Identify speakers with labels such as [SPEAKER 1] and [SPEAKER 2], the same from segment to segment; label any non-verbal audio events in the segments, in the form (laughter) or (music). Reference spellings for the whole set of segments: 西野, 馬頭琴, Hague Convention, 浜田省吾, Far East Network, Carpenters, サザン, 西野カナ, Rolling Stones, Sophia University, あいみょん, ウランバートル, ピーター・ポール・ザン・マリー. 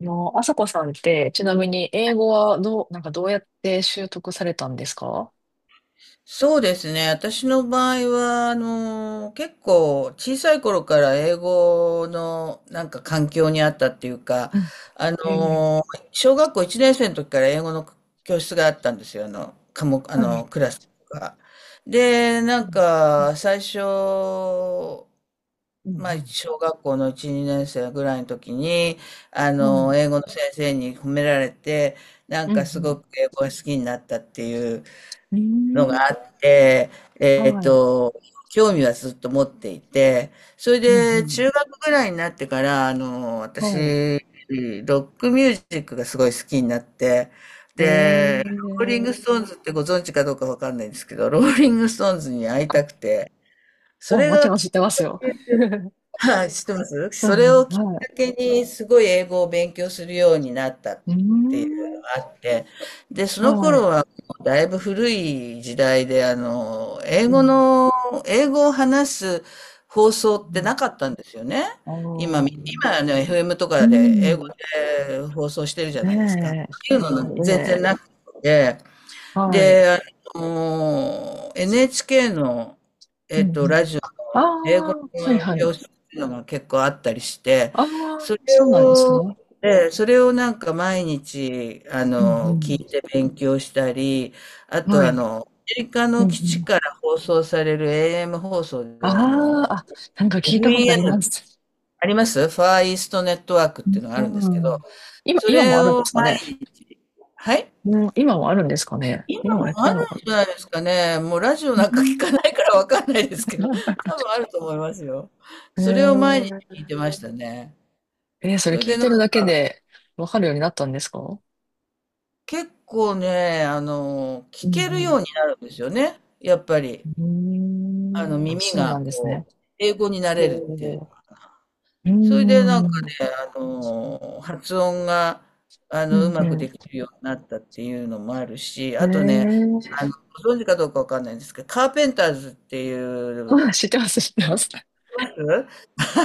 [SPEAKER 1] あさこさんって、ちなみに英語はなんかどうやって習得されたんですか？
[SPEAKER 2] そうですね。私の場合は、結構小さい頃から英語の環境にあったっていうか、
[SPEAKER 1] う
[SPEAKER 2] あ
[SPEAKER 1] ん。ええ、
[SPEAKER 2] の、小学校1年生の時から英語の教室があったんですよ。あの、科目、あ
[SPEAKER 1] は
[SPEAKER 2] の、
[SPEAKER 1] い。
[SPEAKER 2] クラスが。で、な
[SPEAKER 1] う
[SPEAKER 2] ん
[SPEAKER 1] ん。
[SPEAKER 2] か、最初、
[SPEAKER 1] う
[SPEAKER 2] まあ、
[SPEAKER 1] ん。
[SPEAKER 2] 小学校の1、2年生ぐらいの時に、
[SPEAKER 1] うん、はい。
[SPEAKER 2] 英語の先生に褒められて、なん
[SPEAKER 1] う
[SPEAKER 2] か
[SPEAKER 1] ん。
[SPEAKER 2] す
[SPEAKER 1] う
[SPEAKER 2] ご
[SPEAKER 1] ん。
[SPEAKER 2] く英語が好きになったっていう
[SPEAKER 1] うー
[SPEAKER 2] のが
[SPEAKER 1] ん。
[SPEAKER 2] あって、えっ
[SPEAKER 1] はい。
[SPEAKER 2] と、興味はずっと持っていて、それ
[SPEAKER 1] うん。う
[SPEAKER 2] で
[SPEAKER 1] ん。
[SPEAKER 2] 中学ぐらいになってから、
[SPEAKER 1] はい。
[SPEAKER 2] 私、ロックミュージックがすごい好きになって、ローリング
[SPEAKER 1] ええ、
[SPEAKER 2] ストーンズってご存知かどうかわかんないんですけど、ローリングストーンズに会い
[SPEAKER 1] あ、
[SPEAKER 2] たくて、それ
[SPEAKER 1] もち
[SPEAKER 2] が
[SPEAKER 1] ろん知っ
[SPEAKER 2] きっ
[SPEAKER 1] てますよ。(laughs)
[SPEAKER 2] はい、知ってます。
[SPEAKER 1] う
[SPEAKER 2] そ
[SPEAKER 1] ん、
[SPEAKER 2] れ
[SPEAKER 1] うん、
[SPEAKER 2] をきっか
[SPEAKER 1] はい。
[SPEAKER 2] けにすごい英語を勉強するようになったっ
[SPEAKER 1] うー
[SPEAKER 2] ていうの
[SPEAKER 1] ん。
[SPEAKER 2] があって、で、その
[SPEAKER 1] は
[SPEAKER 2] 頃
[SPEAKER 1] い。
[SPEAKER 2] はもうだいぶ古い時代で、あの、
[SPEAKER 1] うん。
[SPEAKER 2] 英語を話す放
[SPEAKER 1] う
[SPEAKER 2] 送って
[SPEAKER 1] ん。
[SPEAKER 2] なかったんですよね。
[SPEAKER 1] ああ。
[SPEAKER 2] 今
[SPEAKER 1] う
[SPEAKER 2] み、
[SPEAKER 1] ん。
[SPEAKER 2] 今ね、FM とかで英語で放送してるじゃないですか。っ
[SPEAKER 1] ねえ。
[SPEAKER 2] ていう
[SPEAKER 1] そ
[SPEAKER 2] の
[SPEAKER 1] う
[SPEAKER 2] 全然
[SPEAKER 1] ね。
[SPEAKER 2] なくて、
[SPEAKER 1] はい。
[SPEAKER 2] で、NHK の、
[SPEAKER 1] うん。う
[SPEAKER 2] ラ
[SPEAKER 1] ん。
[SPEAKER 2] ジオ
[SPEAKER 1] ああ、
[SPEAKER 2] 英語
[SPEAKER 1] はい
[SPEAKER 2] の
[SPEAKER 1] はい。
[SPEAKER 2] 教室っていうのが結構あったりして、
[SPEAKER 1] ああ、
[SPEAKER 2] それ
[SPEAKER 1] そうなんです
[SPEAKER 2] を、
[SPEAKER 1] ね。
[SPEAKER 2] それをなんか毎日、
[SPEAKER 1] う
[SPEAKER 2] 聞
[SPEAKER 1] ん、
[SPEAKER 2] いて勉強したり、あ
[SPEAKER 1] うん、
[SPEAKER 2] と
[SPEAKER 1] はい。
[SPEAKER 2] メリカ
[SPEAKER 1] うん、
[SPEAKER 2] の
[SPEAKER 1] う
[SPEAKER 2] 基地
[SPEAKER 1] ん、
[SPEAKER 2] から放送される AM 放送
[SPEAKER 1] あ
[SPEAKER 2] で、
[SPEAKER 1] あ、あ、なんか聞いたことありま
[SPEAKER 2] FEN
[SPEAKER 1] す。
[SPEAKER 2] ありますファーイーストネットワークっていうのがあ
[SPEAKER 1] う
[SPEAKER 2] るんですけど、
[SPEAKER 1] ん。
[SPEAKER 2] そ
[SPEAKER 1] 今
[SPEAKER 2] れ
[SPEAKER 1] もあるん
[SPEAKER 2] を、
[SPEAKER 1] ですか
[SPEAKER 2] 毎
[SPEAKER 1] ね。
[SPEAKER 2] 日はい
[SPEAKER 1] うん、今もあるんですかね。
[SPEAKER 2] 今
[SPEAKER 1] 今も
[SPEAKER 2] も
[SPEAKER 1] やって
[SPEAKER 2] あ
[SPEAKER 1] る
[SPEAKER 2] るん
[SPEAKER 1] のかな。
[SPEAKER 2] じゃないですかね。もうラジオ
[SPEAKER 1] う
[SPEAKER 2] なんか聞
[SPEAKER 1] ん。
[SPEAKER 2] かないからわかんないですけど、多分あると思いますよ。
[SPEAKER 1] (laughs) な。
[SPEAKER 2] それを毎日聞いてましたね。
[SPEAKER 1] えーそ
[SPEAKER 2] そ
[SPEAKER 1] れ
[SPEAKER 2] れ
[SPEAKER 1] 聞
[SPEAKER 2] で
[SPEAKER 1] い
[SPEAKER 2] なん
[SPEAKER 1] てる
[SPEAKER 2] か
[SPEAKER 1] だけでわかるようになったんですか？う
[SPEAKER 2] 結構ね、聞
[SPEAKER 1] ん、
[SPEAKER 2] ける
[SPEAKER 1] う
[SPEAKER 2] よ
[SPEAKER 1] ん。
[SPEAKER 2] うになるんですよね。やっぱり、
[SPEAKER 1] うー
[SPEAKER 2] あの、
[SPEAKER 1] ん。あ、
[SPEAKER 2] 耳
[SPEAKER 1] そう
[SPEAKER 2] が
[SPEAKER 1] なんです
[SPEAKER 2] こ
[SPEAKER 1] ね。
[SPEAKER 2] う、英語にな
[SPEAKER 1] え
[SPEAKER 2] れるっていう。
[SPEAKER 1] ー、うー
[SPEAKER 2] それ
[SPEAKER 1] ん。
[SPEAKER 2] で
[SPEAKER 1] う
[SPEAKER 2] なんか
[SPEAKER 1] ん、
[SPEAKER 2] ね、あの、発音が、
[SPEAKER 1] う
[SPEAKER 2] う
[SPEAKER 1] ん。
[SPEAKER 2] まくできるようになったっていうのもあるし、
[SPEAKER 1] え
[SPEAKER 2] あとね、あの、
[SPEAKER 1] ー、
[SPEAKER 2] ご存知かどうかわかんないんですけど、カーペンターズっていう、
[SPEAKER 1] あ、知ってます、知ってます。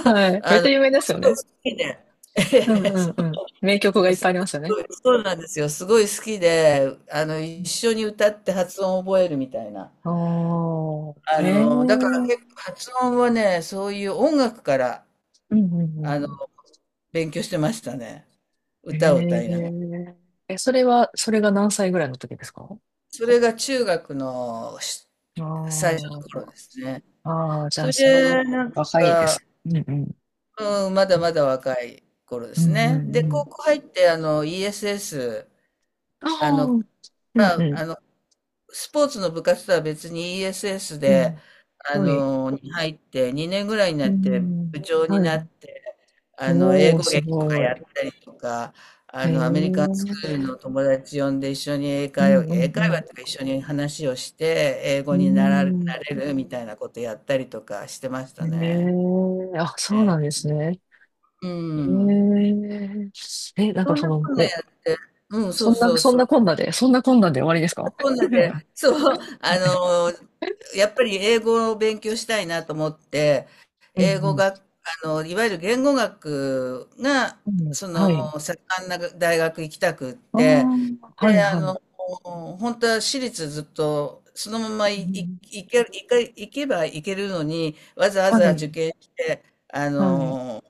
[SPEAKER 1] はい。めっ
[SPEAKER 2] あ
[SPEAKER 1] ち
[SPEAKER 2] の、
[SPEAKER 1] ゃ有名ですよ
[SPEAKER 2] すごい
[SPEAKER 1] ね。
[SPEAKER 2] 好きで、(laughs) え
[SPEAKER 1] う
[SPEAKER 2] え、
[SPEAKER 1] ん、うん、うん。名曲がい
[SPEAKER 2] う、
[SPEAKER 1] っぱいありますよね。
[SPEAKER 2] そうなんですよ。すごい好きで、一緒に歌って発音を覚えるみたいな。
[SPEAKER 1] ああー、
[SPEAKER 2] あ
[SPEAKER 1] へえ。
[SPEAKER 2] の、だから
[SPEAKER 1] う
[SPEAKER 2] 結
[SPEAKER 1] ん、
[SPEAKER 2] 構発音はね、そういう音楽から、
[SPEAKER 1] うん、う
[SPEAKER 2] あの、
[SPEAKER 1] ん、
[SPEAKER 2] 勉強してましたね。
[SPEAKER 1] うん。
[SPEAKER 2] 歌を歌いながら。
[SPEAKER 1] へえ。え、それが何歳ぐらいの時ですか？
[SPEAKER 2] それが中学のし
[SPEAKER 1] ああ、
[SPEAKER 2] 最初の
[SPEAKER 1] あ
[SPEAKER 2] 頃です
[SPEAKER 1] ー、
[SPEAKER 2] ね。
[SPEAKER 1] あー、じ
[SPEAKER 2] そ
[SPEAKER 1] ゃあ、
[SPEAKER 2] れ
[SPEAKER 1] そのぐらい
[SPEAKER 2] で、なん
[SPEAKER 1] 若いです。うん、うん。
[SPEAKER 2] か、うん、まだまだ若い頃で
[SPEAKER 1] う
[SPEAKER 2] す
[SPEAKER 1] ん、うん、う
[SPEAKER 2] ね。で、
[SPEAKER 1] ん。
[SPEAKER 2] 高校入って、ESS、
[SPEAKER 1] あ
[SPEAKER 2] あ
[SPEAKER 1] あ、
[SPEAKER 2] の、
[SPEAKER 1] うん、う
[SPEAKER 2] まあ、
[SPEAKER 1] ん。
[SPEAKER 2] あの、スポーツの部活とは別に ESS
[SPEAKER 1] う
[SPEAKER 2] で、
[SPEAKER 1] ん。はい。
[SPEAKER 2] に入って、2年ぐらいにな
[SPEAKER 1] う
[SPEAKER 2] って
[SPEAKER 1] ん。
[SPEAKER 2] 部長に
[SPEAKER 1] は
[SPEAKER 2] なっ
[SPEAKER 1] い。
[SPEAKER 2] て、英
[SPEAKER 1] おー、
[SPEAKER 2] 語
[SPEAKER 1] す
[SPEAKER 2] 劇とか
[SPEAKER 1] ごい。
[SPEAKER 2] やったりとか、
[SPEAKER 1] へえ。
[SPEAKER 2] アメリカン
[SPEAKER 1] う
[SPEAKER 2] スクールの友達呼んで一緒に英
[SPEAKER 1] ん、
[SPEAKER 2] 会話、
[SPEAKER 1] う
[SPEAKER 2] 英
[SPEAKER 1] ん、う
[SPEAKER 2] 会話
[SPEAKER 1] ん。
[SPEAKER 2] とか一緒に話をして、英
[SPEAKER 1] う
[SPEAKER 2] 語になら、なれ
[SPEAKER 1] ん。
[SPEAKER 2] るみたいなことやったりとかしてまし
[SPEAKER 1] へ
[SPEAKER 2] たね。
[SPEAKER 1] え。あ、そう
[SPEAKER 2] え
[SPEAKER 1] なんで
[SPEAKER 2] え、
[SPEAKER 1] すね。
[SPEAKER 2] う
[SPEAKER 1] え
[SPEAKER 2] ん。
[SPEAKER 1] ー、え、なんか
[SPEAKER 2] そん
[SPEAKER 1] そ
[SPEAKER 2] な
[SPEAKER 1] の、
[SPEAKER 2] こんなや
[SPEAKER 1] え、
[SPEAKER 2] って、うん、そうそうそう。
[SPEAKER 1] そんなこんなで終わりですか？ (laughs) は
[SPEAKER 2] こんなで、そう、
[SPEAKER 1] い。
[SPEAKER 2] やっぱり英語を勉強したいなと思って、
[SPEAKER 1] うん、
[SPEAKER 2] 英
[SPEAKER 1] う
[SPEAKER 2] 語
[SPEAKER 1] ん。
[SPEAKER 2] が、いわゆる言語学が、
[SPEAKER 1] うん、
[SPEAKER 2] その、
[SPEAKER 1] はい。
[SPEAKER 2] 盛んな大学行きたくっ
[SPEAKER 1] ああ、
[SPEAKER 2] て、
[SPEAKER 1] はい
[SPEAKER 2] で、
[SPEAKER 1] はい。
[SPEAKER 2] 本当は私立ずっと、そのまま
[SPEAKER 1] う
[SPEAKER 2] い、い、
[SPEAKER 1] ん、
[SPEAKER 2] いけ、いけ、行けば行けるのに、わざわ
[SPEAKER 1] は
[SPEAKER 2] ざ
[SPEAKER 1] い、
[SPEAKER 2] 受験して、あ
[SPEAKER 1] はい。
[SPEAKER 2] の、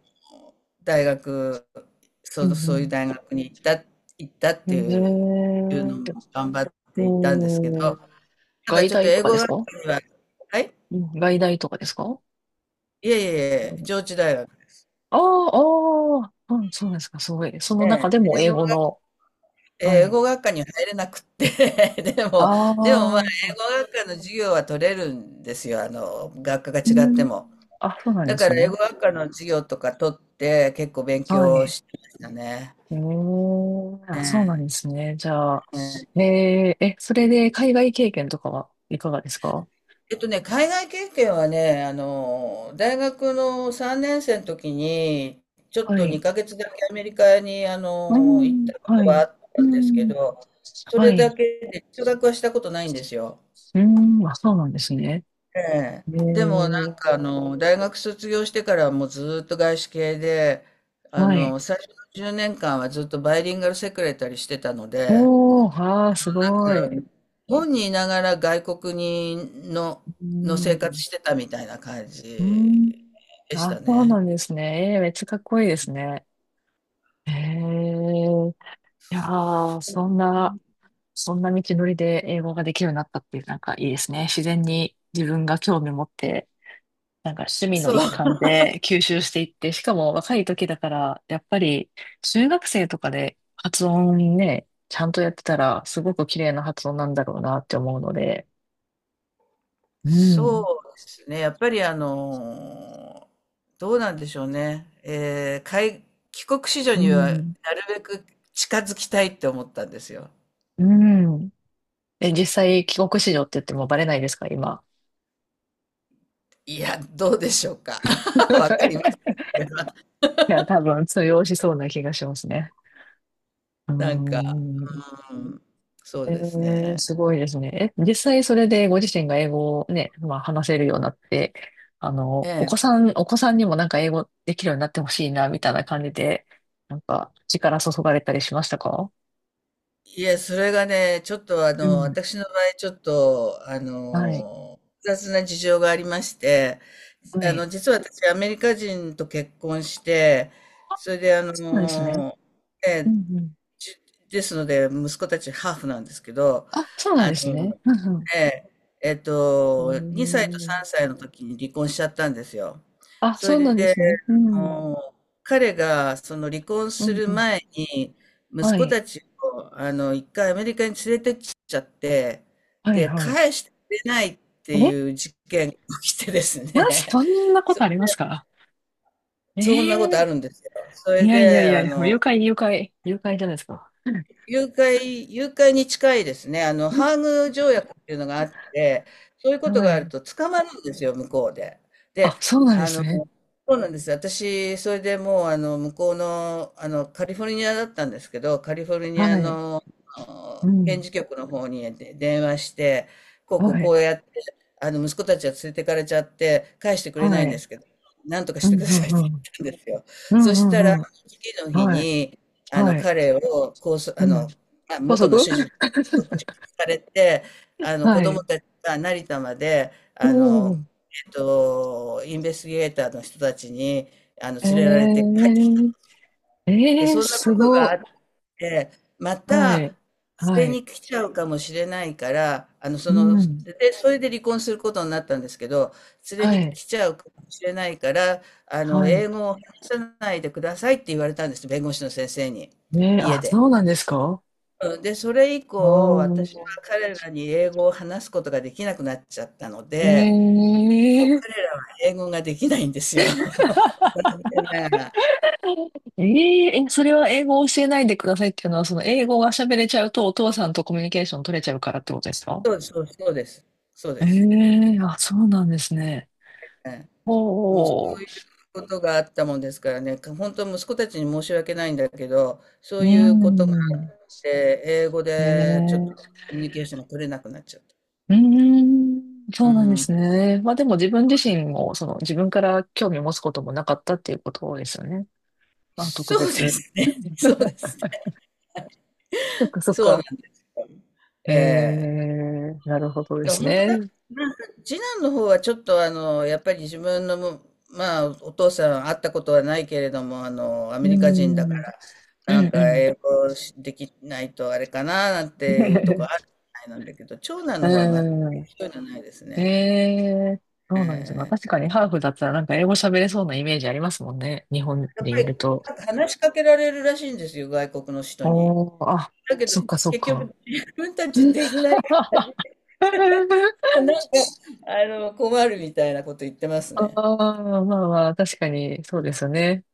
[SPEAKER 2] 大学、
[SPEAKER 1] う
[SPEAKER 2] そういう
[SPEAKER 1] ん、
[SPEAKER 2] 大学に行ったっ
[SPEAKER 1] う
[SPEAKER 2] て
[SPEAKER 1] ん。
[SPEAKER 2] いういうの
[SPEAKER 1] えー、
[SPEAKER 2] も頑張って行ったんですけど、
[SPEAKER 1] おー、
[SPEAKER 2] ただ
[SPEAKER 1] 外
[SPEAKER 2] ちょっと
[SPEAKER 1] 大と
[SPEAKER 2] 英
[SPEAKER 1] か
[SPEAKER 2] 語
[SPEAKER 1] です
[SPEAKER 2] 学科
[SPEAKER 1] か？
[SPEAKER 2] にははい？
[SPEAKER 1] うん、外大とかですか？
[SPEAKER 2] いえいえいえ、
[SPEAKER 1] あ
[SPEAKER 2] 上智大学で
[SPEAKER 1] あ、ああ、うん、そうですか、すごい。その
[SPEAKER 2] え
[SPEAKER 1] 中
[SPEAKER 2] え、
[SPEAKER 1] でも英語の、は
[SPEAKER 2] 英
[SPEAKER 1] い。
[SPEAKER 2] 語学科には入れなくって、(laughs) でも、でもまあ、
[SPEAKER 1] ああ、う
[SPEAKER 2] 英語学科の授業は取れるんですよ、あの、学科が違って
[SPEAKER 1] ん。
[SPEAKER 2] も。
[SPEAKER 1] あ、そうなん
[SPEAKER 2] だ
[SPEAKER 1] で
[SPEAKER 2] か
[SPEAKER 1] す
[SPEAKER 2] ら英
[SPEAKER 1] ね。
[SPEAKER 2] 語学科の授業とか取って、結構勉
[SPEAKER 1] は
[SPEAKER 2] 強
[SPEAKER 1] い。
[SPEAKER 2] してましたね。
[SPEAKER 1] ええ、あ、
[SPEAKER 2] え
[SPEAKER 1] そうな
[SPEAKER 2] え、
[SPEAKER 1] んですね。じゃあ、
[SPEAKER 2] ええ。
[SPEAKER 1] ええ、え、それで海外経験とかはいかがですか？
[SPEAKER 2] えっとね、海外経験はね、大学の3年生の時に、ちょっ
[SPEAKER 1] は
[SPEAKER 2] と
[SPEAKER 1] い。
[SPEAKER 2] 2ヶ月だけアメリカに、
[SPEAKER 1] う
[SPEAKER 2] 行っ
[SPEAKER 1] ん、
[SPEAKER 2] たこと
[SPEAKER 1] は
[SPEAKER 2] はあ
[SPEAKER 1] い。
[SPEAKER 2] っ
[SPEAKER 1] う
[SPEAKER 2] たんですけ
[SPEAKER 1] ん、
[SPEAKER 2] ど、そ
[SPEAKER 1] は
[SPEAKER 2] れだ
[SPEAKER 1] い。
[SPEAKER 2] けで留学はしたことないんですよ。
[SPEAKER 1] うん、あ、そうなんですね。
[SPEAKER 2] ええ。
[SPEAKER 1] え
[SPEAKER 2] でもなんか
[SPEAKER 1] え、
[SPEAKER 2] 大学卒業してからはもうずーっと外資系で、
[SPEAKER 1] はい。
[SPEAKER 2] 最初の10年間はずっとバイリンガルセクレタリーしてたので、
[SPEAKER 1] おー、ああ、すごい。
[SPEAKER 2] うん、本にいながら外国に
[SPEAKER 1] う
[SPEAKER 2] の生活
[SPEAKER 1] ん、
[SPEAKER 2] してたみたいな感
[SPEAKER 1] う
[SPEAKER 2] じ
[SPEAKER 1] ん、
[SPEAKER 2] でし
[SPEAKER 1] あ、
[SPEAKER 2] た
[SPEAKER 1] そう
[SPEAKER 2] ね。
[SPEAKER 1] なんですね。えー、めっちゃかっこいいですね。ええ、いやー、そんな道のりで英語ができるようになったっていう、なんかいいですね。自然に自分が興味持ってなんか趣味
[SPEAKER 2] そ
[SPEAKER 1] の一
[SPEAKER 2] う。
[SPEAKER 1] 環で吸収していって、しかも若い時だから、やっぱり中学生とかで発音ね、ちゃんとやってたら、すごく綺麗な発音なんだろうなって思うので、う
[SPEAKER 2] そ
[SPEAKER 1] ん、
[SPEAKER 2] うですね。やっぱりあの、どうなんでしょうね。帰国子女
[SPEAKER 1] う
[SPEAKER 2] にはなる
[SPEAKER 1] ん、
[SPEAKER 2] べく近づきたいって思ったんですよ。
[SPEAKER 1] うん。え、実際、帰国子女って言ってもバレないですか、今。
[SPEAKER 2] いや、どうでしょうか。(laughs) わかります。
[SPEAKER 1] (laughs) いや、多分通用しそうな気がしますね。うー
[SPEAKER 2] なんか、
[SPEAKER 1] ん。
[SPEAKER 2] うん、そう
[SPEAKER 1] え
[SPEAKER 2] です
[SPEAKER 1] ー、
[SPEAKER 2] ね。
[SPEAKER 1] すごいですね。え、実際それでご自身が英語をね、まあ話せるようになって、
[SPEAKER 2] ええ、
[SPEAKER 1] お子さんにもなんか英語できるようになってほしいな、みたいな感じで、なんか力注がれたりしましたか？
[SPEAKER 2] いや、それがね、ちょっとあ
[SPEAKER 1] う
[SPEAKER 2] の、
[SPEAKER 1] ん。
[SPEAKER 2] 私の場合、ちょっと、
[SPEAKER 1] はい。
[SPEAKER 2] 複雑な事情がありまして、
[SPEAKER 1] はい。
[SPEAKER 2] 実は私、アメリカ人と結婚して、それで、
[SPEAKER 1] そうなんですね。う
[SPEAKER 2] え
[SPEAKER 1] ん、うん。
[SPEAKER 2] ちですので、息子たちハーフなんですけど、
[SPEAKER 1] あ、そうなん
[SPEAKER 2] あ
[SPEAKER 1] ですね。
[SPEAKER 2] の、
[SPEAKER 1] うん、
[SPEAKER 2] ええ、
[SPEAKER 1] う
[SPEAKER 2] 2歳と
[SPEAKER 1] ん。へ
[SPEAKER 2] 3
[SPEAKER 1] ー、
[SPEAKER 2] 歳の時に離婚しちゃったんですよ。
[SPEAKER 1] あ、
[SPEAKER 2] そ
[SPEAKER 1] そうな
[SPEAKER 2] れ
[SPEAKER 1] んで
[SPEAKER 2] で、
[SPEAKER 1] すね。う
[SPEAKER 2] あ
[SPEAKER 1] ん。
[SPEAKER 2] の、彼がその離婚
[SPEAKER 1] う
[SPEAKER 2] す
[SPEAKER 1] ん、
[SPEAKER 2] る
[SPEAKER 1] うん。
[SPEAKER 2] 前に、息
[SPEAKER 1] は
[SPEAKER 2] 子
[SPEAKER 1] い。
[SPEAKER 2] たちを、一回アメリカに連れてっちゃって、
[SPEAKER 1] はい
[SPEAKER 2] で、
[SPEAKER 1] はい。
[SPEAKER 2] 返してくれないって
[SPEAKER 1] え、
[SPEAKER 2] いう事件が起きてです
[SPEAKER 1] まず
[SPEAKER 2] ね、
[SPEAKER 1] そんな
[SPEAKER 2] (laughs)
[SPEAKER 1] こ
[SPEAKER 2] そ、
[SPEAKER 1] とありますか？え
[SPEAKER 2] そんなことあ
[SPEAKER 1] え、
[SPEAKER 2] るんですよ。そ
[SPEAKER 1] い
[SPEAKER 2] れ
[SPEAKER 1] やいやい
[SPEAKER 2] で、
[SPEAKER 1] や、誘拐、誘拐、誘拐じゃないですか。
[SPEAKER 2] 誘拐に近いですね。あの、ハーグ条約っていうのがあって、そういうこと
[SPEAKER 1] は
[SPEAKER 2] がある
[SPEAKER 1] い。
[SPEAKER 2] と捕まるんですよ、向こうで。で、
[SPEAKER 1] あ、そうなんで
[SPEAKER 2] あ
[SPEAKER 1] す
[SPEAKER 2] の、
[SPEAKER 1] ね。
[SPEAKER 2] そうなんです。私、それでもう、あの、向こうの、あの、カリフォルニアだったんですけど、カリフォルニ
[SPEAKER 1] は
[SPEAKER 2] ア
[SPEAKER 1] い。
[SPEAKER 2] の、あ
[SPEAKER 1] う
[SPEAKER 2] の検
[SPEAKER 1] ん。
[SPEAKER 2] 事局の方にで電話して、こうこう
[SPEAKER 1] は
[SPEAKER 2] こ
[SPEAKER 1] い。
[SPEAKER 2] うやって、息子たちは連れてかれちゃって、返してくれな
[SPEAKER 1] は
[SPEAKER 2] いんで
[SPEAKER 1] い。
[SPEAKER 2] すけど、なんとか
[SPEAKER 1] う
[SPEAKER 2] して
[SPEAKER 1] ん、
[SPEAKER 2] くだ
[SPEAKER 1] う
[SPEAKER 2] さい
[SPEAKER 1] ん、
[SPEAKER 2] って
[SPEAKER 1] う
[SPEAKER 2] 言っ
[SPEAKER 1] ん。
[SPEAKER 2] たんですよ。
[SPEAKER 1] う
[SPEAKER 2] そし
[SPEAKER 1] ん、
[SPEAKER 2] たら、
[SPEAKER 1] うん、うん。
[SPEAKER 2] 次の日
[SPEAKER 1] はい。
[SPEAKER 2] に、あの、
[SPEAKER 1] はい。
[SPEAKER 2] 彼をこうそ
[SPEAKER 1] う
[SPEAKER 2] あ
[SPEAKER 1] ん。
[SPEAKER 2] の、まあ、
[SPEAKER 1] 高
[SPEAKER 2] 元の
[SPEAKER 1] 速。
[SPEAKER 2] 主人に拘束
[SPEAKER 1] (laughs)
[SPEAKER 2] されて、
[SPEAKER 1] は
[SPEAKER 2] 子
[SPEAKER 1] い。
[SPEAKER 2] 供たちが成田まで、
[SPEAKER 1] うん。
[SPEAKER 2] インベスティゲーターの人たちに、
[SPEAKER 1] え
[SPEAKER 2] 連れられて、
[SPEAKER 1] ー、
[SPEAKER 2] で、
[SPEAKER 1] えー、
[SPEAKER 2] そんなこ
[SPEAKER 1] す
[SPEAKER 2] とがあ
[SPEAKER 1] ご。
[SPEAKER 2] って、ま
[SPEAKER 1] は
[SPEAKER 2] た、
[SPEAKER 1] い。は
[SPEAKER 2] 連れ
[SPEAKER 1] い。
[SPEAKER 2] に来ちゃうかもしれないから、
[SPEAKER 1] うん。
[SPEAKER 2] で、それで離婚することになったんですけど、連れ
[SPEAKER 1] は
[SPEAKER 2] に
[SPEAKER 1] い。
[SPEAKER 2] 来ちゃうかもしれないから、
[SPEAKER 1] は
[SPEAKER 2] 英
[SPEAKER 1] い。
[SPEAKER 2] 語を話さないでくださいって言われたんです、弁護士の先生に、
[SPEAKER 1] えー、
[SPEAKER 2] 家
[SPEAKER 1] あ、
[SPEAKER 2] で。
[SPEAKER 1] そうなんですか？
[SPEAKER 2] うん、で、それ以
[SPEAKER 1] ああ
[SPEAKER 2] 降、私は
[SPEAKER 1] ー。
[SPEAKER 2] 彼らに英語を話すことができなくなっちゃったので、もう
[SPEAKER 1] ええ
[SPEAKER 2] 彼らは英語ができないんですよ。(laughs) 残念ながら。
[SPEAKER 1] えええ、それは英語を教えないでくださいっていうのは、その英語が喋れちゃうとお父さんとコミュニケーション取れちゃうからってことですか？
[SPEAKER 2] そうです。そう
[SPEAKER 1] え
[SPEAKER 2] です。
[SPEAKER 1] え、あ、そうなんですね。
[SPEAKER 2] ええ、もうそ
[SPEAKER 1] お、
[SPEAKER 2] う
[SPEAKER 1] お、
[SPEAKER 2] いうことがあったもんですからね、本当息子たちに申し訳ないんだけど、そ
[SPEAKER 1] う
[SPEAKER 2] う
[SPEAKER 1] ー
[SPEAKER 2] いうことがあ
[SPEAKER 1] ん、
[SPEAKER 2] って、英語でちょっと
[SPEAKER 1] ええ、
[SPEAKER 2] コミュニケーションが取れなくなっちゃった。
[SPEAKER 1] うーん、
[SPEAKER 2] う
[SPEAKER 1] そうなんです
[SPEAKER 2] ん。
[SPEAKER 1] ね。まあでも自分自身も、自分から興味を持つこともなかったっていうことですよね。まあ特
[SPEAKER 2] そうで
[SPEAKER 1] 別。
[SPEAKER 2] すね。(laughs) そうです
[SPEAKER 1] (laughs)
[SPEAKER 2] ね。
[SPEAKER 1] そっかそっ
[SPEAKER 2] そうなん
[SPEAKER 1] か。
[SPEAKER 2] ですよ。
[SPEAKER 1] え
[SPEAKER 2] ええ、
[SPEAKER 1] え、なるほどです
[SPEAKER 2] 本当だ。
[SPEAKER 1] ね。
[SPEAKER 2] なんか、次男の方はちょっとあの、やっぱり自分のも、まあ、お父さん会ったことはないけれども、ア
[SPEAKER 1] う
[SPEAKER 2] メ
[SPEAKER 1] ー
[SPEAKER 2] リカ人だ
[SPEAKER 1] ん、
[SPEAKER 2] から、
[SPEAKER 1] う
[SPEAKER 2] なん
[SPEAKER 1] ん、う
[SPEAKER 2] か
[SPEAKER 1] ん。
[SPEAKER 2] 英語しできないとあれかな、なんていうとこあ
[SPEAKER 1] (laughs)
[SPEAKER 2] るみたいなんだけど、長男
[SPEAKER 1] う
[SPEAKER 2] の方は全く
[SPEAKER 1] ん。
[SPEAKER 2] そうじゃないです
[SPEAKER 1] え
[SPEAKER 2] ね。
[SPEAKER 1] え、そうなんですよ。まあ
[SPEAKER 2] え
[SPEAKER 1] 確
[SPEAKER 2] え、
[SPEAKER 1] かにハーフだったらなんか英語喋れそうなイメージありますもんね。日本
[SPEAKER 2] やっぱ
[SPEAKER 1] にい
[SPEAKER 2] り、
[SPEAKER 1] ると。
[SPEAKER 2] なんか話しかけられるらしいんですよ、外国の人に。
[SPEAKER 1] おー、あ、
[SPEAKER 2] だけ
[SPEAKER 1] そ
[SPEAKER 2] ど、
[SPEAKER 1] っかそっ
[SPEAKER 2] 結
[SPEAKER 1] か。
[SPEAKER 2] 局、
[SPEAKER 1] (laughs)
[SPEAKER 2] 自分たちできないから、困るみたいなこと言ってます
[SPEAKER 1] あ
[SPEAKER 2] ね。
[SPEAKER 1] あ、まあまあ、確かに、そうですよね。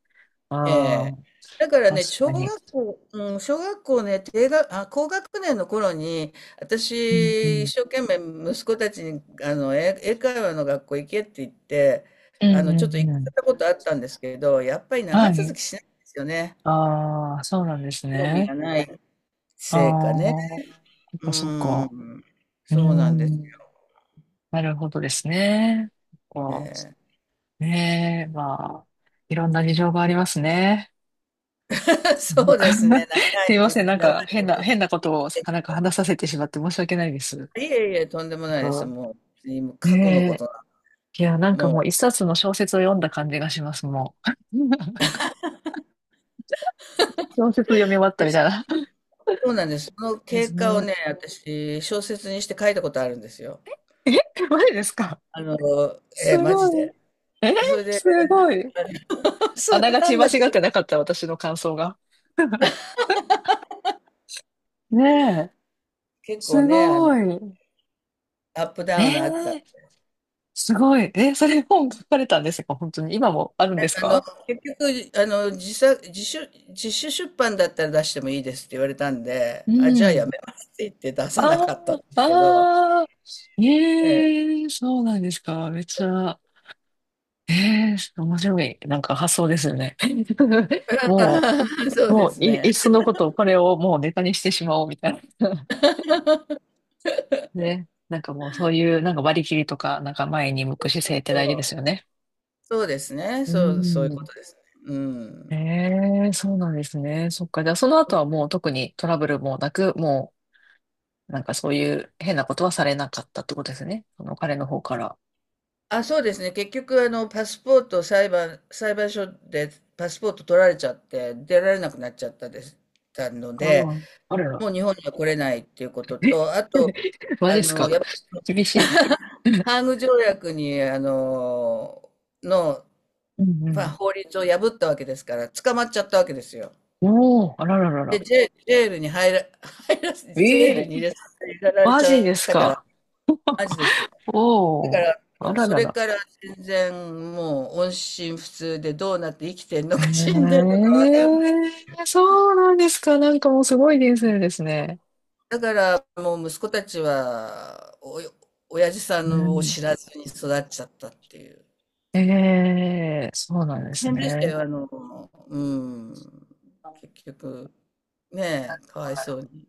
[SPEAKER 2] え
[SPEAKER 1] あ
[SPEAKER 2] え。
[SPEAKER 1] あ、
[SPEAKER 2] だからね、
[SPEAKER 1] 確かに。
[SPEAKER 2] 小学校ね、低学あ、高学年の頃に、
[SPEAKER 1] うん、う
[SPEAKER 2] 私、一
[SPEAKER 1] ん。
[SPEAKER 2] 生懸命息子たちに、英会話の学校行けって言って、
[SPEAKER 1] うん、う
[SPEAKER 2] ちょっと行
[SPEAKER 1] ん、
[SPEAKER 2] っ
[SPEAKER 1] う
[SPEAKER 2] た
[SPEAKER 1] ん。
[SPEAKER 2] ことあったんですけど、やっぱり
[SPEAKER 1] は
[SPEAKER 2] 長続
[SPEAKER 1] い。
[SPEAKER 2] きしないんですよね。
[SPEAKER 1] ああ、そうなんです
[SPEAKER 2] 興味
[SPEAKER 1] ね。
[SPEAKER 2] がない
[SPEAKER 1] ああ、
[SPEAKER 2] せいかね。
[SPEAKER 1] そっ
[SPEAKER 2] う
[SPEAKER 1] か、そっ
[SPEAKER 2] ー
[SPEAKER 1] か。
[SPEAKER 2] ん。
[SPEAKER 1] うー
[SPEAKER 2] そうなんです
[SPEAKER 1] ん、なるほどですね。こ
[SPEAKER 2] ね。
[SPEAKER 1] う、ねえ、まあ、いろんな事情がありますね。
[SPEAKER 2] (laughs)
[SPEAKER 1] (laughs) な
[SPEAKER 2] そ
[SPEAKER 1] ん
[SPEAKER 2] うですね、
[SPEAKER 1] か、 (laughs) すい
[SPEAKER 2] 長
[SPEAKER 1] ません。なん
[SPEAKER 2] 長
[SPEAKER 1] か
[SPEAKER 2] いこと。
[SPEAKER 1] 変なことをなんか話させてしまって申し訳ないです。なん
[SPEAKER 2] いえいえ、とんでもないです。
[SPEAKER 1] か、
[SPEAKER 2] もう、過去のこ
[SPEAKER 1] ね
[SPEAKER 2] と
[SPEAKER 1] え。
[SPEAKER 2] な
[SPEAKER 1] いや、なんか
[SPEAKER 2] も
[SPEAKER 1] もう
[SPEAKER 2] う。
[SPEAKER 1] 一冊の小説を読んだ感じがします、もう。(laughs) 小説読み終わったみたいな。
[SPEAKER 2] そうなんです。その
[SPEAKER 1] で
[SPEAKER 2] 経
[SPEAKER 1] す
[SPEAKER 2] 過を
[SPEAKER 1] ね。
[SPEAKER 2] ね、私、小説にして書いたことあるんですよ。
[SPEAKER 1] え、マジですか？
[SPEAKER 2] あの、
[SPEAKER 1] す
[SPEAKER 2] えー、マジ
[SPEAKER 1] ごい。
[SPEAKER 2] で。
[SPEAKER 1] え、
[SPEAKER 2] それで、
[SPEAKER 1] すごい。
[SPEAKER 2] (laughs)
[SPEAKER 1] あな
[SPEAKER 2] れ
[SPEAKER 1] が
[SPEAKER 2] な
[SPEAKER 1] ち
[SPEAKER 2] ん
[SPEAKER 1] 間
[SPEAKER 2] だけ
[SPEAKER 1] 違っ
[SPEAKER 2] ど、
[SPEAKER 1] てなかった、私の感想が。(laughs) ねえ、
[SPEAKER 2] 結構
[SPEAKER 1] す
[SPEAKER 2] ね、
[SPEAKER 1] ごい。
[SPEAKER 2] アップ
[SPEAKER 1] え
[SPEAKER 2] ダウンがあった。
[SPEAKER 1] え、すごい。え、それ本書かれたんですか、本当に。今もあるんです
[SPEAKER 2] あの、
[SPEAKER 1] か？
[SPEAKER 2] 結局、自主出版だったら出してもいいですって言われたんで、
[SPEAKER 1] う
[SPEAKER 2] あ、じゃあやめ
[SPEAKER 1] ん。
[SPEAKER 2] ますって言って出
[SPEAKER 1] あ
[SPEAKER 2] さなかったんで
[SPEAKER 1] あ、
[SPEAKER 2] すけど、
[SPEAKER 1] ああ、
[SPEAKER 2] ええ
[SPEAKER 1] ええ、そうなんですか。めっちゃ、ええ、面白い。なんか発想ですよね。(laughs)
[SPEAKER 2] (laughs)。そう
[SPEAKER 1] も
[SPEAKER 2] です
[SPEAKER 1] うい、
[SPEAKER 2] ね。
[SPEAKER 1] いっそのこと、これをもうネタにしてしまおうみたいな。(laughs) ね。なんかもうそういう、なんか割り切りとか、なんか前に向く姿勢って
[SPEAKER 2] そ
[SPEAKER 1] 大事です
[SPEAKER 2] う。
[SPEAKER 1] よね。
[SPEAKER 2] そうですね。
[SPEAKER 1] う
[SPEAKER 2] そう、そういうこ
[SPEAKER 1] ん。
[SPEAKER 2] とですね。う
[SPEAKER 1] え
[SPEAKER 2] ん。
[SPEAKER 1] え、そうなんですね。そっか。じゃあその後はもう特にトラブルもなく、もう、なんかそういう変なことはされなかったってことですね。その彼の方から。
[SPEAKER 2] あ、そうですね。結局、あの、パスポートを裁判、裁判所でパスポート取られちゃって、出られなくなっちゃったです、たの
[SPEAKER 1] あ
[SPEAKER 2] で、
[SPEAKER 1] あ、あらら。
[SPEAKER 2] もう日本には来れないっていうこと
[SPEAKER 1] え、
[SPEAKER 2] と、あと、
[SPEAKER 1] (laughs) マ
[SPEAKER 2] あ
[SPEAKER 1] ジっす
[SPEAKER 2] の、
[SPEAKER 1] か？
[SPEAKER 2] やっぱ
[SPEAKER 1] 厳し
[SPEAKER 2] り
[SPEAKER 1] い。
[SPEAKER 2] (laughs) ハーグ条約に、の、
[SPEAKER 1] う
[SPEAKER 2] まあ、
[SPEAKER 1] ん、
[SPEAKER 2] 法律を破ったわけですから、捕まっちゃったわけですよ。
[SPEAKER 1] うん。おー、あららら
[SPEAKER 2] で、
[SPEAKER 1] ら。
[SPEAKER 2] ジェ
[SPEAKER 1] え
[SPEAKER 2] ール
[SPEAKER 1] え
[SPEAKER 2] に入
[SPEAKER 1] ー、
[SPEAKER 2] れさせられ
[SPEAKER 1] マ
[SPEAKER 2] ちゃ
[SPEAKER 1] ジで
[SPEAKER 2] っ
[SPEAKER 1] す
[SPEAKER 2] たから、
[SPEAKER 1] か？
[SPEAKER 2] マジですよ。だか
[SPEAKER 1] おー、あ
[SPEAKER 2] ら、
[SPEAKER 1] ら
[SPEAKER 2] そ
[SPEAKER 1] ら
[SPEAKER 2] れ
[SPEAKER 1] ら。
[SPEAKER 2] から全然もう音信不通でどうなって生きてんのか死んで
[SPEAKER 1] え
[SPEAKER 2] ん
[SPEAKER 1] え、
[SPEAKER 2] のかわかんない。
[SPEAKER 1] そうなんですか。なんかもうすごい人生ですね。
[SPEAKER 2] だからもう息子たちはお親父さ
[SPEAKER 1] う
[SPEAKER 2] んを
[SPEAKER 1] ん。
[SPEAKER 2] 知らずに育っちゃったっていう。
[SPEAKER 1] ええ、そうなんで
[SPEAKER 2] 大
[SPEAKER 1] す
[SPEAKER 2] 変でした
[SPEAKER 1] ね。
[SPEAKER 2] よ、あの、うん。結局、ねえ、かわい
[SPEAKER 1] は
[SPEAKER 2] そう
[SPEAKER 1] い。
[SPEAKER 2] に。